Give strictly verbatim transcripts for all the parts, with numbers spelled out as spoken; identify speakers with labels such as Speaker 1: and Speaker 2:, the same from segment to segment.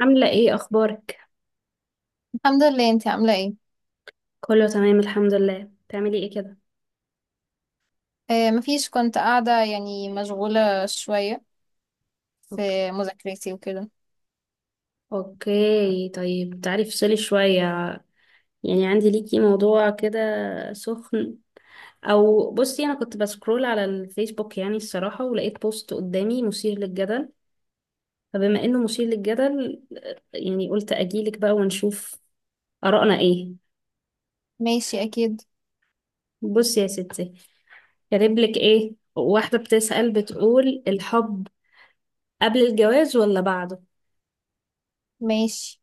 Speaker 1: عاملة ايه اخبارك؟
Speaker 2: الحمد لله. انت عاملة ايه؟
Speaker 1: كله تمام الحمد لله، بتعملي ايه كده؟
Speaker 2: آه مفيش، كنت قاعدة، يعني مشغولة شوية
Speaker 1: أوك-
Speaker 2: في مذاكرتي وكده.
Speaker 1: اوكي طيب تعالي افصلي شوية، يعني عندي ليكي موضوع كده سخن. او بصي، انا كنت بسكرول على الفيسبوك يعني الصراحة، ولقيت بوست قدامي مثير للجدل. فبما انه مثير للجدل، يعني قلت اجيلك بقى ونشوف آرائنا ايه.
Speaker 2: ماشي، اكيد.
Speaker 1: بصي يا ستي، كاتبلك ايه واحدة بتسأل، بتقول الحب قبل الجواز ولا بعده؟
Speaker 2: ماشي.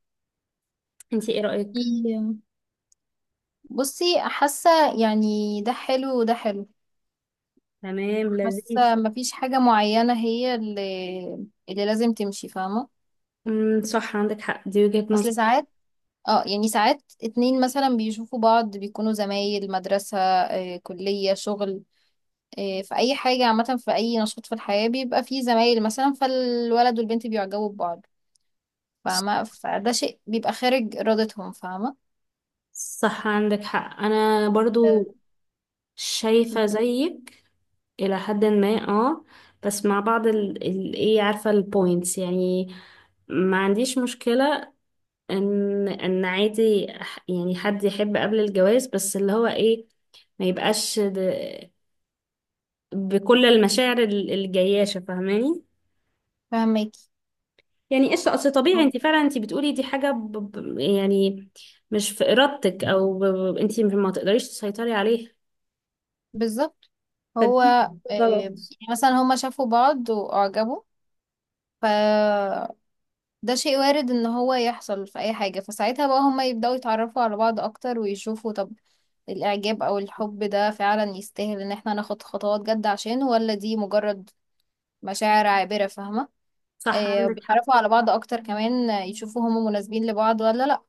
Speaker 1: انتي ايه رأيك؟
Speaker 2: في- بصي، حاسة يعني ده حلو وده حلو.
Speaker 1: تمام، لذيذ.
Speaker 2: حاسة مفيش حاجة معينة هي اللي, اللي لازم تمشي، فاهمة؟
Speaker 1: امم صح، عندك حق، دي وجهة
Speaker 2: اصل
Speaker 1: نظر.
Speaker 2: ساعات، اه يعني ساعات اتنين مثلا بيشوفوا بعض، بيكونوا زمايل مدرسة، آه كلية، شغل. آه في اي حاجة عامة، في اي نشاط في الحياة بيبقى فيه زمايل، مثلا فالولد والبنت بيعجبوا ببعض، فاهمة؟ فده شيء بيبقى خارج إرادتهم، فاهمة؟
Speaker 1: صح، عندك حق، انا
Speaker 2: آه،
Speaker 1: برضو شايفة زيك الى حد ما، اه. بس مع بعض ال ال ايه، عارفة، البوينتس يعني. ما عنديش مشكلة ان ان عادي أح- يعني حد يحب قبل الجواز، بس اللي هو ايه، ما يبقاش د- بكل المشاعر ال- الجياشة، فاهماني؟
Speaker 2: فاهماكي
Speaker 1: يعني قشطة، اصل طبيعي، انت فعلا انت بتقولي دي حاجة ب... ب... يعني مش في ارادتك، او ب... ب... انت ما تقدريش تسيطري عليها.
Speaker 2: بالظبط. هو
Speaker 1: فدي
Speaker 2: آه، يعني
Speaker 1: غلط.
Speaker 2: مثلا هما شافوا بعض وأعجبوا، فده شيء وارد ان هو يحصل في اي حاجة. فساعتها بقى هما يبدأوا يتعرفوا على بعض اكتر ويشوفوا، طب الإعجاب أو الحب ده فعلا يستاهل إن احنا ناخد خطوات جد عشانه، ولا دي مجرد مشاعر عابرة، فاهمة؟
Speaker 1: صح،
Speaker 2: آه،
Speaker 1: عندك حق.
Speaker 2: بيتعرفوا على بعض أكتر كمان. آه، يشوفوا هم مناسبين لبعض ولا لأ.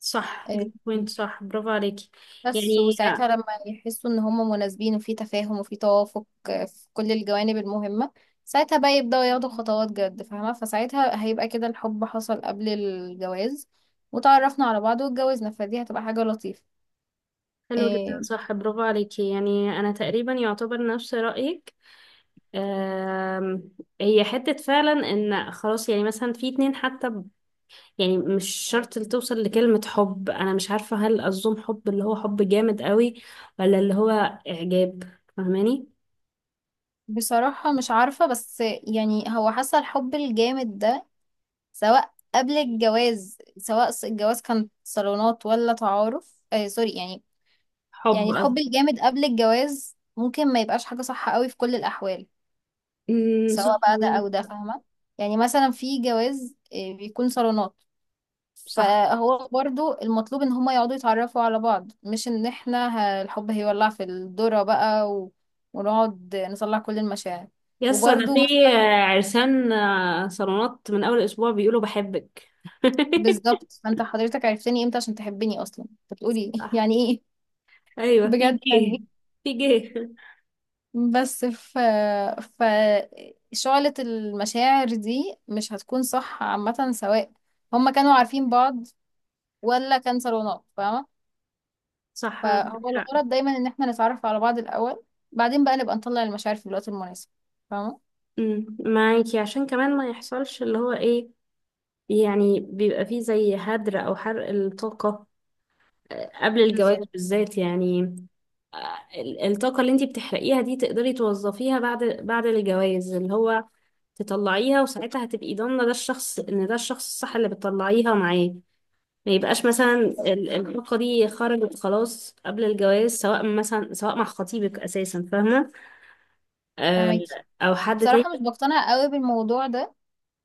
Speaker 1: صح،
Speaker 2: آه،
Speaker 1: دي بوينت، صح، برافو عليكي
Speaker 2: بس
Speaker 1: يعني.
Speaker 2: وساعتها لما يحسوا ان هم مناسبين وفي تفاهم وفي توافق، آه، في كل الجوانب المهمة، ساعتها بقى يبدأوا ياخدوا خطوات جد، فاهمة؟ فساعتها هيبقى كده الحب حصل قبل الجواز وتعرفنا على بعض واتجوزنا، فدي هتبقى حاجة لطيفة.
Speaker 1: حلو جدا،
Speaker 2: إيه.
Speaker 1: صح، برافو عليكي، يعني انا تقريبا يعتبر نفس رأيك. أم... هي حتة فعلا ان خلاص، يعني مثلا في اتنين حتى يعني مش شرط اللي توصل لكلمة حب. أنا مش عارفة هل أظن حب اللي هو حب جامد قوي ولا اللي هو إعجاب، فاهماني؟
Speaker 2: بصراحة مش عارفة، بس يعني هو حاسة الحب الجامد ده، سواء قبل الجواز، سواء الجواز كان صالونات ولا تعارف، آه سوري، يعني
Speaker 1: حب
Speaker 2: يعني الحب
Speaker 1: قصدي.
Speaker 2: الجامد قبل الجواز ممكن ما يبقاش حاجة صح قوي في كل الأحوال،
Speaker 1: أمم، صح،
Speaker 2: سواء بقى ده
Speaker 1: عندك
Speaker 2: او ده،
Speaker 1: حق.
Speaker 2: فاهمه؟ يعني مثلا في جواز آه، بيكون صالونات،
Speaker 1: صح.
Speaker 2: فهو برضو المطلوب ان هما يقعدوا يتعرفوا على بعض، مش ان احنا ه- الحب هيولع في الذرة بقى و... ونقعد نطلع كل المشاعر.
Speaker 1: يسا ده
Speaker 2: وبرضو
Speaker 1: في
Speaker 2: مثلا
Speaker 1: آه، عرسان آه، صالونات من أول أسبوع بيقولوا بحبك.
Speaker 2: بالظبط، فانت حضرتك عرفتني امتى عشان تحبني اصلا؟ انت بتقولي
Speaker 1: صح.
Speaker 2: يعني ايه،
Speaker 1: أيوة، في
Speaker 2: بجد؟ يعني
Speaker 1: جه،
Speaker 2: ايه؟
Speaker 1: في جه.
Speaker 2: بس ف ف شعلة المشاعر دي مش هتكون صح، عامة، سواء هما كانوا عارفين بعض ولا كان صالونات، فاهمة؟
Speaker 1: صح، عندك
Speaker 2: فهو
Speaker 1: حق.
Speaker 2: الغرض دايما ان احنا نتعرف على بعض الاول، بعدين بقى نبقى نطلع المشاعر في الوقت المناسب، فاهمه؟
Speaker 1: أمم، معاكي عشان كمان ما يحصلش اللي هو إيه، يعني بيبقى فيه زي هدر أو حرق الطاقة آه، قبل الجواز
Speaker 2: بالظبط،
Speaker 1: بالذات يعني. ال- الطاقة اللي انتي بتحرقيها دي تقدري توظفيها بعد بعد الجواز، اللي هو تطلعيها وساعتها هتبقي ضامنة ده الشخص، ان ده الشخص الصح اللي بتطلعيها معاه. ما يبقاش مثلا ال- الطاقة دي خرجت خلاص قبل الجواز، سواء مثلا سواء مع خطيبك اساسا، فاهمة؟ آه،
Speaker 2: فاهمكي.
Speaker 1: او حد
Speaker 2: بصراحه مش
Speaker 1: تاني.
Speaker 2: بقتنع قوي بالموضوع ده،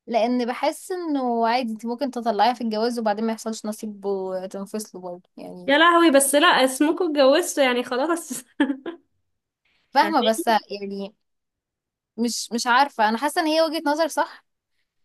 Speaker 2: لان بحس انه عادي انت ممكن تطلعيها في الجواز وبعدين ما يحصلش نصيب وتنفصلوا برضه، يعني
Speaker 1: يا لهوي، بس لا، اسمكوا اتجوزتوا يعني خلاص.
Speaker 2: فاهمه؟
Speaker 1: فاهماكي.
Speaker 2: بس يعني مش مش عارفه، انا حاسه ان هي وجهه نظر صح،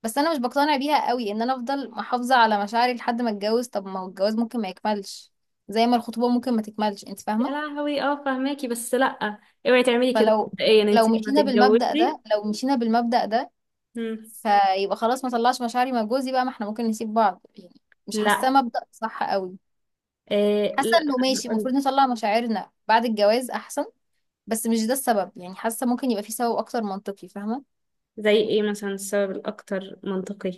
Speaker 2: بس انا مش بقتنع بيها قوي، ان انا افضل محافظه على مشاعري لحد ما اتجوز، طب ما هو الجواز ممكن ما يكملش، زي ما الخطوبه ممكن ما تكملش، انت
Speaker 1: يا
Speaker 2: فاهمه؟
Speaker 1: لهوي، اه فاهماكي، بس لا، اوعي تعملي كده
Speaker 2: فلو
Speaker 1: مبدئيا
Speaker 2: لو
Speaker 1: انتي لما
Speaker 2: مشينا بالمبدأ
Speaker 1: تتجوزي.
Speaker 2: ده لو مشينا بالمبدأ ده
Speaker 1: مم.
Speaker 2: فيبقى خلاص ما طلعش مشاعري مع جوزي بقى، ما احنا ممكن نسيب بعض يعني. مش حاساه
Speaker 1: لا،
Speaker 2: مبدأ صح قوي.
Speaker 1: آه
Speaker 2: حاسه
Speaker 1: لا.
Speaker 2: انه ماشي،
Speaker 1: هقولك.
Speaker 2: المفروض نطلع مشاعرنا بعد الجواز احسن، بس مش ده السبب، يعني حاسه ممكن يبقى في سبب اكتر منطقي، فاهمه؟
Speaker 1: زي ايه مثلا السبب الاكتر منطقي؟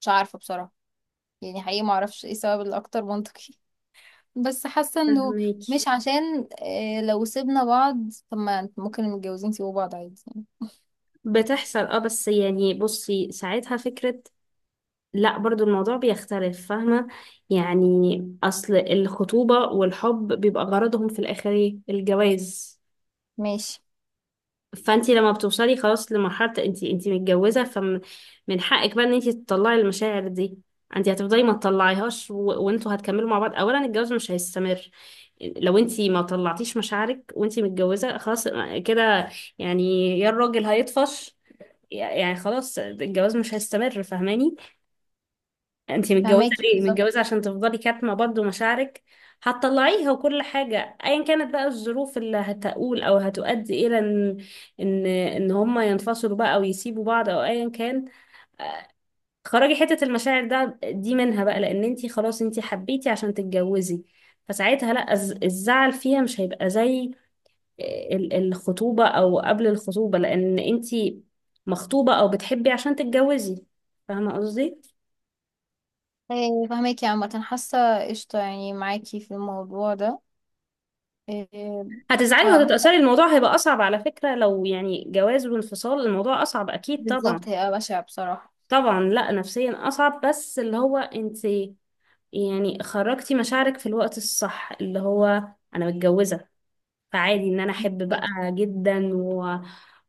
Speaker 2: مش عارفه بصراحه، يعني حقيقي ما اعرفش ايه السبب الاكتر منطقي. بس حاسه انه
Speaker 1: فهميكي.
Speaker 2: مش عشان اه لو سيبنا بعض، طب ما ممكن المتجوزين يسيبوا بعض عادي يعني.
Speaker 1: بتحصل اه، بس يعني بصي ساعتها فكرة، لا برضو الموضوع بيختلف، فاهمة؟ يعني اصل الخطوبة والحب بيبقى غرضهم في الاخر ايه؟ الجواز.
Speaker 2: ماشي.
Speaker 1: فانت لما بتوصلي خلاص لمرحله انت انت متجوزه، فمن حقك بقى ان انت تطلعي المشاعر دي. انت هتفضلي ما تطلعيهاش و... وانتوا هتكملوا مع بعض؟ اولا الجواز مش هيستمر لو انت ما طلعتيش مشاعرك وانت متجوزه، خلاص كده، يعني يا الراجل هيطفش، يعني خلاص الجواز مش هيستمر، فاهماني؟ انتي متجوزة
Speaker 2: فهماكي
Speaker 1: ليه؟
Speaker 2: بالظبط.
Speaker 1: متجوزة عشان تفضلي كاتمة برضه مشاعرك؟ هتطلعيها. وكل حاجة ايا كانت بقى الظروف اللي هتقول او هتؤدي الى ان ان ان هما ينفصلوا بقى او يسيبوا بعض او ايا كان، خرجي حتة المشاعر ده دي منها بقى، لان انتي خلاص انتي حبيتي عشان تتجوزي. فساعتها لا، الز- الزعل فيها مش هيبقى زي آه، ال- الخطوبة او قبل الخطوبة، لان انتي مخطوبة او بتحبي عشان تتجوزي، فاهمة قصدي؟
Speaker 2: إيه، فهماكي. عامة حاسة قشطة، يعني معاكي في الموضوع ده. إيه،
Speaker 1: هتزعلي
Speaker 2: فهو
Speaker 1: وهتتأثري، الموضوع هيبقى أصعب على فكرة، لو يعني جواز وانفصال الموضوع أصعب أكيد طبعا.
Speaker 2: بالظبط هيبقى بشع بصراحة.
Speaker 1: طبعا لا، نفسيا أصعب، بس اللي هو انت يعني خرجتي مشاعرك في الوقت الصح، اللي هو أنا متجوزة فعادي إن أنا أحب بقى
Speaker 2: فهماكي
Speaker 1: جدا و...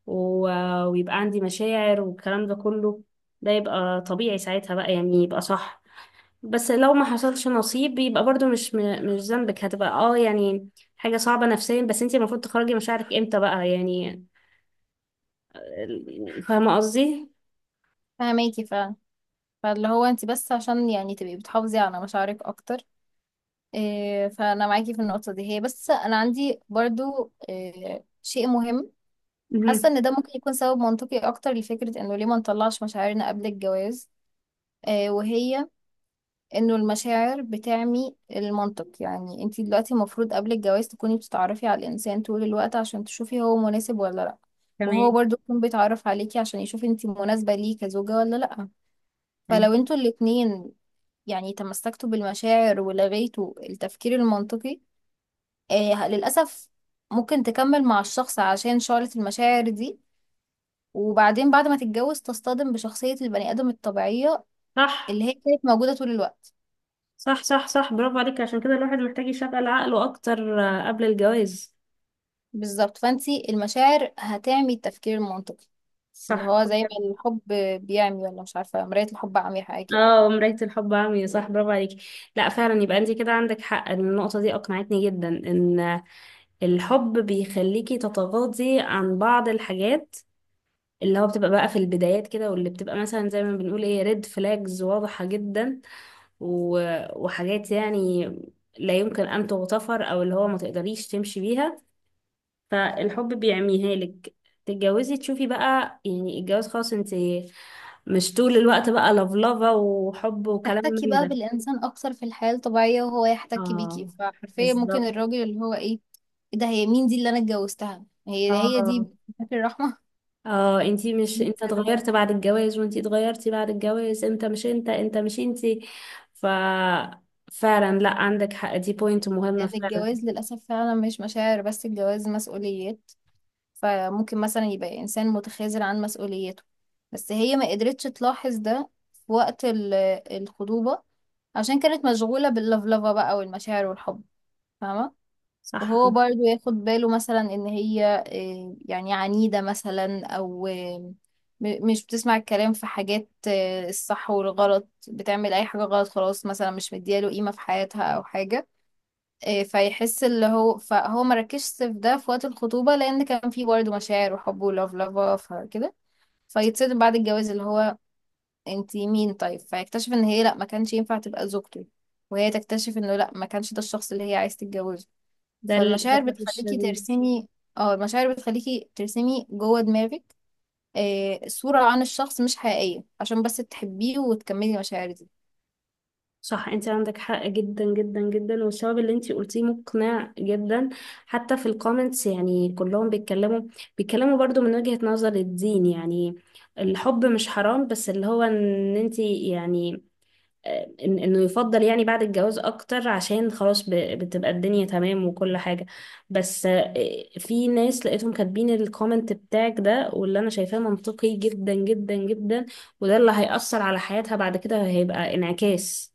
Speaker 1: و... ويبقى عندي مشاعر والكلام ده كله، ده يبقى طبيعي ساعتها بقى، يعني يبقى صح. بس لو ما حصلش نصيب يبقى برضو مش م... مش ذنبك، هتبقى اه يعني حاجة صعبة نفسيا، بس انت المفروض تخرجي مشاعرك امتى بقى يعني، فاهمة قصدي؟
Speaker 2: فهماكي فعلا. فاللي هو انت بس عشان يعني تبقي بتحافظي على مشاعرك اكتر، إيه، فانا معاكي في النقطة دي، هي بس انا عندي برضو إيه، شيء مهم. حاسة
Speaker 1: مهم.
Speaker 2: ان ده ممكن يكون سبب منطقي اكتر لفكرة انه ليه ما نطلعش مشاعرنا قبل الجواز، إيه، وهي انه المشاعر بتعمي المنطق. يعني انتي دلوقتي المفروض قبل الجواز تكوني بتتعرفي على الانسان طول الوقت عشان تشوفي هو مناسب ولا لا. وهو
Speaker 1: تمام،
Speaker 2: برضو يكون بيتعرف عليكي عشان يشوف انتي مناسبة ليه كزوجة ولا لا.
Speaker 1: تمام.
Speaker 2: فلو انتوا الاتنين يعني تمسكتوا بالمشاعر ولغيتوا التفكير المنطقي، آه للأسف، ممكن تكمل مع الشخص عشان شعلة المشاعر دي، وبعدين بعد ما تتجوز تصطدم بشخصية البني آدم الطبيعية
Speaker 1: صح،
Speaker 2: اللي هي كانت موجودة طول الوقت.
Speaker 1: صح، صح، صح، برافو عليك. عشان كده الواحد محتاج يشغل عقله أكتر آه، قبل الجواز.
Speaker 2: بالظبط، فانتي المشاعر هتعمي التفكير المنطقي، اللي
Speaker 1: صح.
Speaker 2: هو زي ما الحب بيعمي، ولا مش عارفة، مراية الحب عمي حاجة كده.
Speaker 1: اه، مراية الحب عمياء، صح، برافو عليكي. لا فعلا، يبقى انت كده عندك حق، النقطة دي أقنعتني جدا ان الحب بيخليكي تتغاضي عن بعض الحاجات اللي هو بتبقى بقى في البدايات كده، واللي بتبقى مثلا زي ما بنقول ايه، ريد فلاجز واضحة جدا و- وحاجات يعني لا يمكن أن تغتفر، أو اللي هو ما تقدريش تمشي بيها، فالحب بيعميها لك. تتجوزي تشوفي بقى، يعني الجواز خلاص، انت مش طول الوقت بقى لفلفة وحب وكلام
Speaker 2: تحتكي
Speaker 1: من
Speaker 2: بقى
Speaker 1: ده.
Speaker 2: بالإنسان أكتر في الحياة الطبيعية وهو يحتكي بيكي،
Speaker 1: اه،
Speaker 2: فحرفيا ممكن
Speaker 1: بالظبط.
Speaker 2: الراجل اللي هو إيه، إيه ده؟ هي مين دي اللي أنا اتجوزتها؟ هي هي
Speaker 1: اه.
Speaker 2: دي فاكر الرحمة.
Speaker 1: اه، انتي مش انت،
Speaker 2: كده.
Speaker 1: اتغيرت بعد الجواز، وانتي اتغيرتي بعد الجواز، انت مش انت، انت مش انتي. ف فعلا لا، عندك حق، دي بوينت مهمة
Speaker 2: لأن
Speaker 1: فعلا.
Speaker 2: الجواز للأسف فعلا مش مشاعر بس، الجواز مسؤوليات. فممكن مثلا يبقى إنسان متخاذل عن مسؤوليته، بس هي ما قدرتش تلاحظ ده في وقت ال- الخطوبة، عشان كانت مشغولة باللفلفة بقى والمشاعر والحب، فاهمة؟
Speaker 1: صح.
Speaker 2: وهو برضو ياخد باله مثلا إن هي آه، يعني عنيدة مثلا أو آه، م- مش بتسمع الكلام في حاجات، آه، الصح والغلط بتعمل أي حاجة غلط خلاص، مثلا مش مدياله قيمة في حياتها أو حاجة، إيه، فيحس اللي هو فهو ما ركزش في ده في وقت الخطوبة لأن كان في برضه مشاعر وحب ولاف لافا فكده. فيتصدم بعد الجواز، اللي هو انتي مين؟ طيب فيكتشف ان هي لا ما كانش ينفع تبقى زوجته، وهي تكتشف انه لا ما كانش ده الشخص اللي هي عايز تتجوزه.
Speaker 1: ده
Speaker 2: فالمشاعر
Speaker 1: للأسف
Speaker 2: بتخليكي
Speaker 1: الشديد.
Speaker 2: ترسمي اه المشاعر بتخليكي ترسمي جوه دماغك إيه، صورة عن الشخص مش حقيقية عشان بس تحبيه وتكملي المشاعر دي،
Speaker 1: صح، انت عندك حق جدا جدا جدا، والسبب اللي انت قلتيه مقنع جدا. حتى في الكومنتس يعني كلهم بيتكلموا، بيتكلموا برضو من وجهة نظر الدين، يعني الحب مش حرام، بس اللي هو ان انت يعني آه، إن انه يفضل يعني بعد الجواز اكتر، عشان خلاص ب- بتبقى الدنيا تمام وكل حاجة. بس آه، في ناس لقيتهم كاتبين الكومنت بتاعك ده، واللي انا شايفاه منطقي جدا جدا جدا. وده اللي هيأثر على حياتها بعد كده، هيبقى انعكاس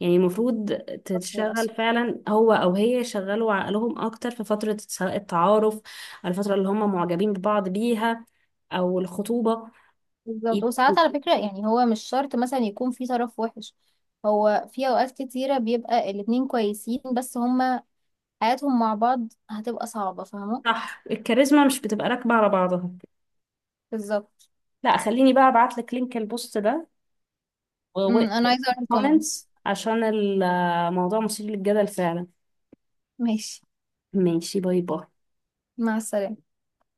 Speaker 1: يعني. المفروض تشتغل
Speaker 2: للأسف.
Speaker 1: فعلا، هو او هي، يشغلوا عقلهم اكتر في فترة سواء التعارف أو الفترة اللي هم معجبين ببعض بيها او الخطوبة.
Speaker 2: بالظبط.
Speaker 1: يب-
Speaker 2: وساعات على فكرة يعني هو مش شرط مثلا يكون في طرف وحش، هو في أوقات كتيرة بيبقى الاتنين كويسين بس هما حياتهم مع بعض هتبقى صعبة، فاهمة؟
Speaker 1: صح، الكاريزما مش بتبقى راكبة على بعضها.
Speaker 2: بالظبط.
Speaker 1: لا خليني بقى ابعت لك لينك البوست ده
Speaker 2: أمم، أنا عايزة أقرأ الكومنتس.
Speaker 1: والكومنتس، عشان الموضوع مثير للجدل فعلا.
Speaker 2: ماشي.
Speaker 1: ماشي، باي باي.
Speaker 2: مع السلامة.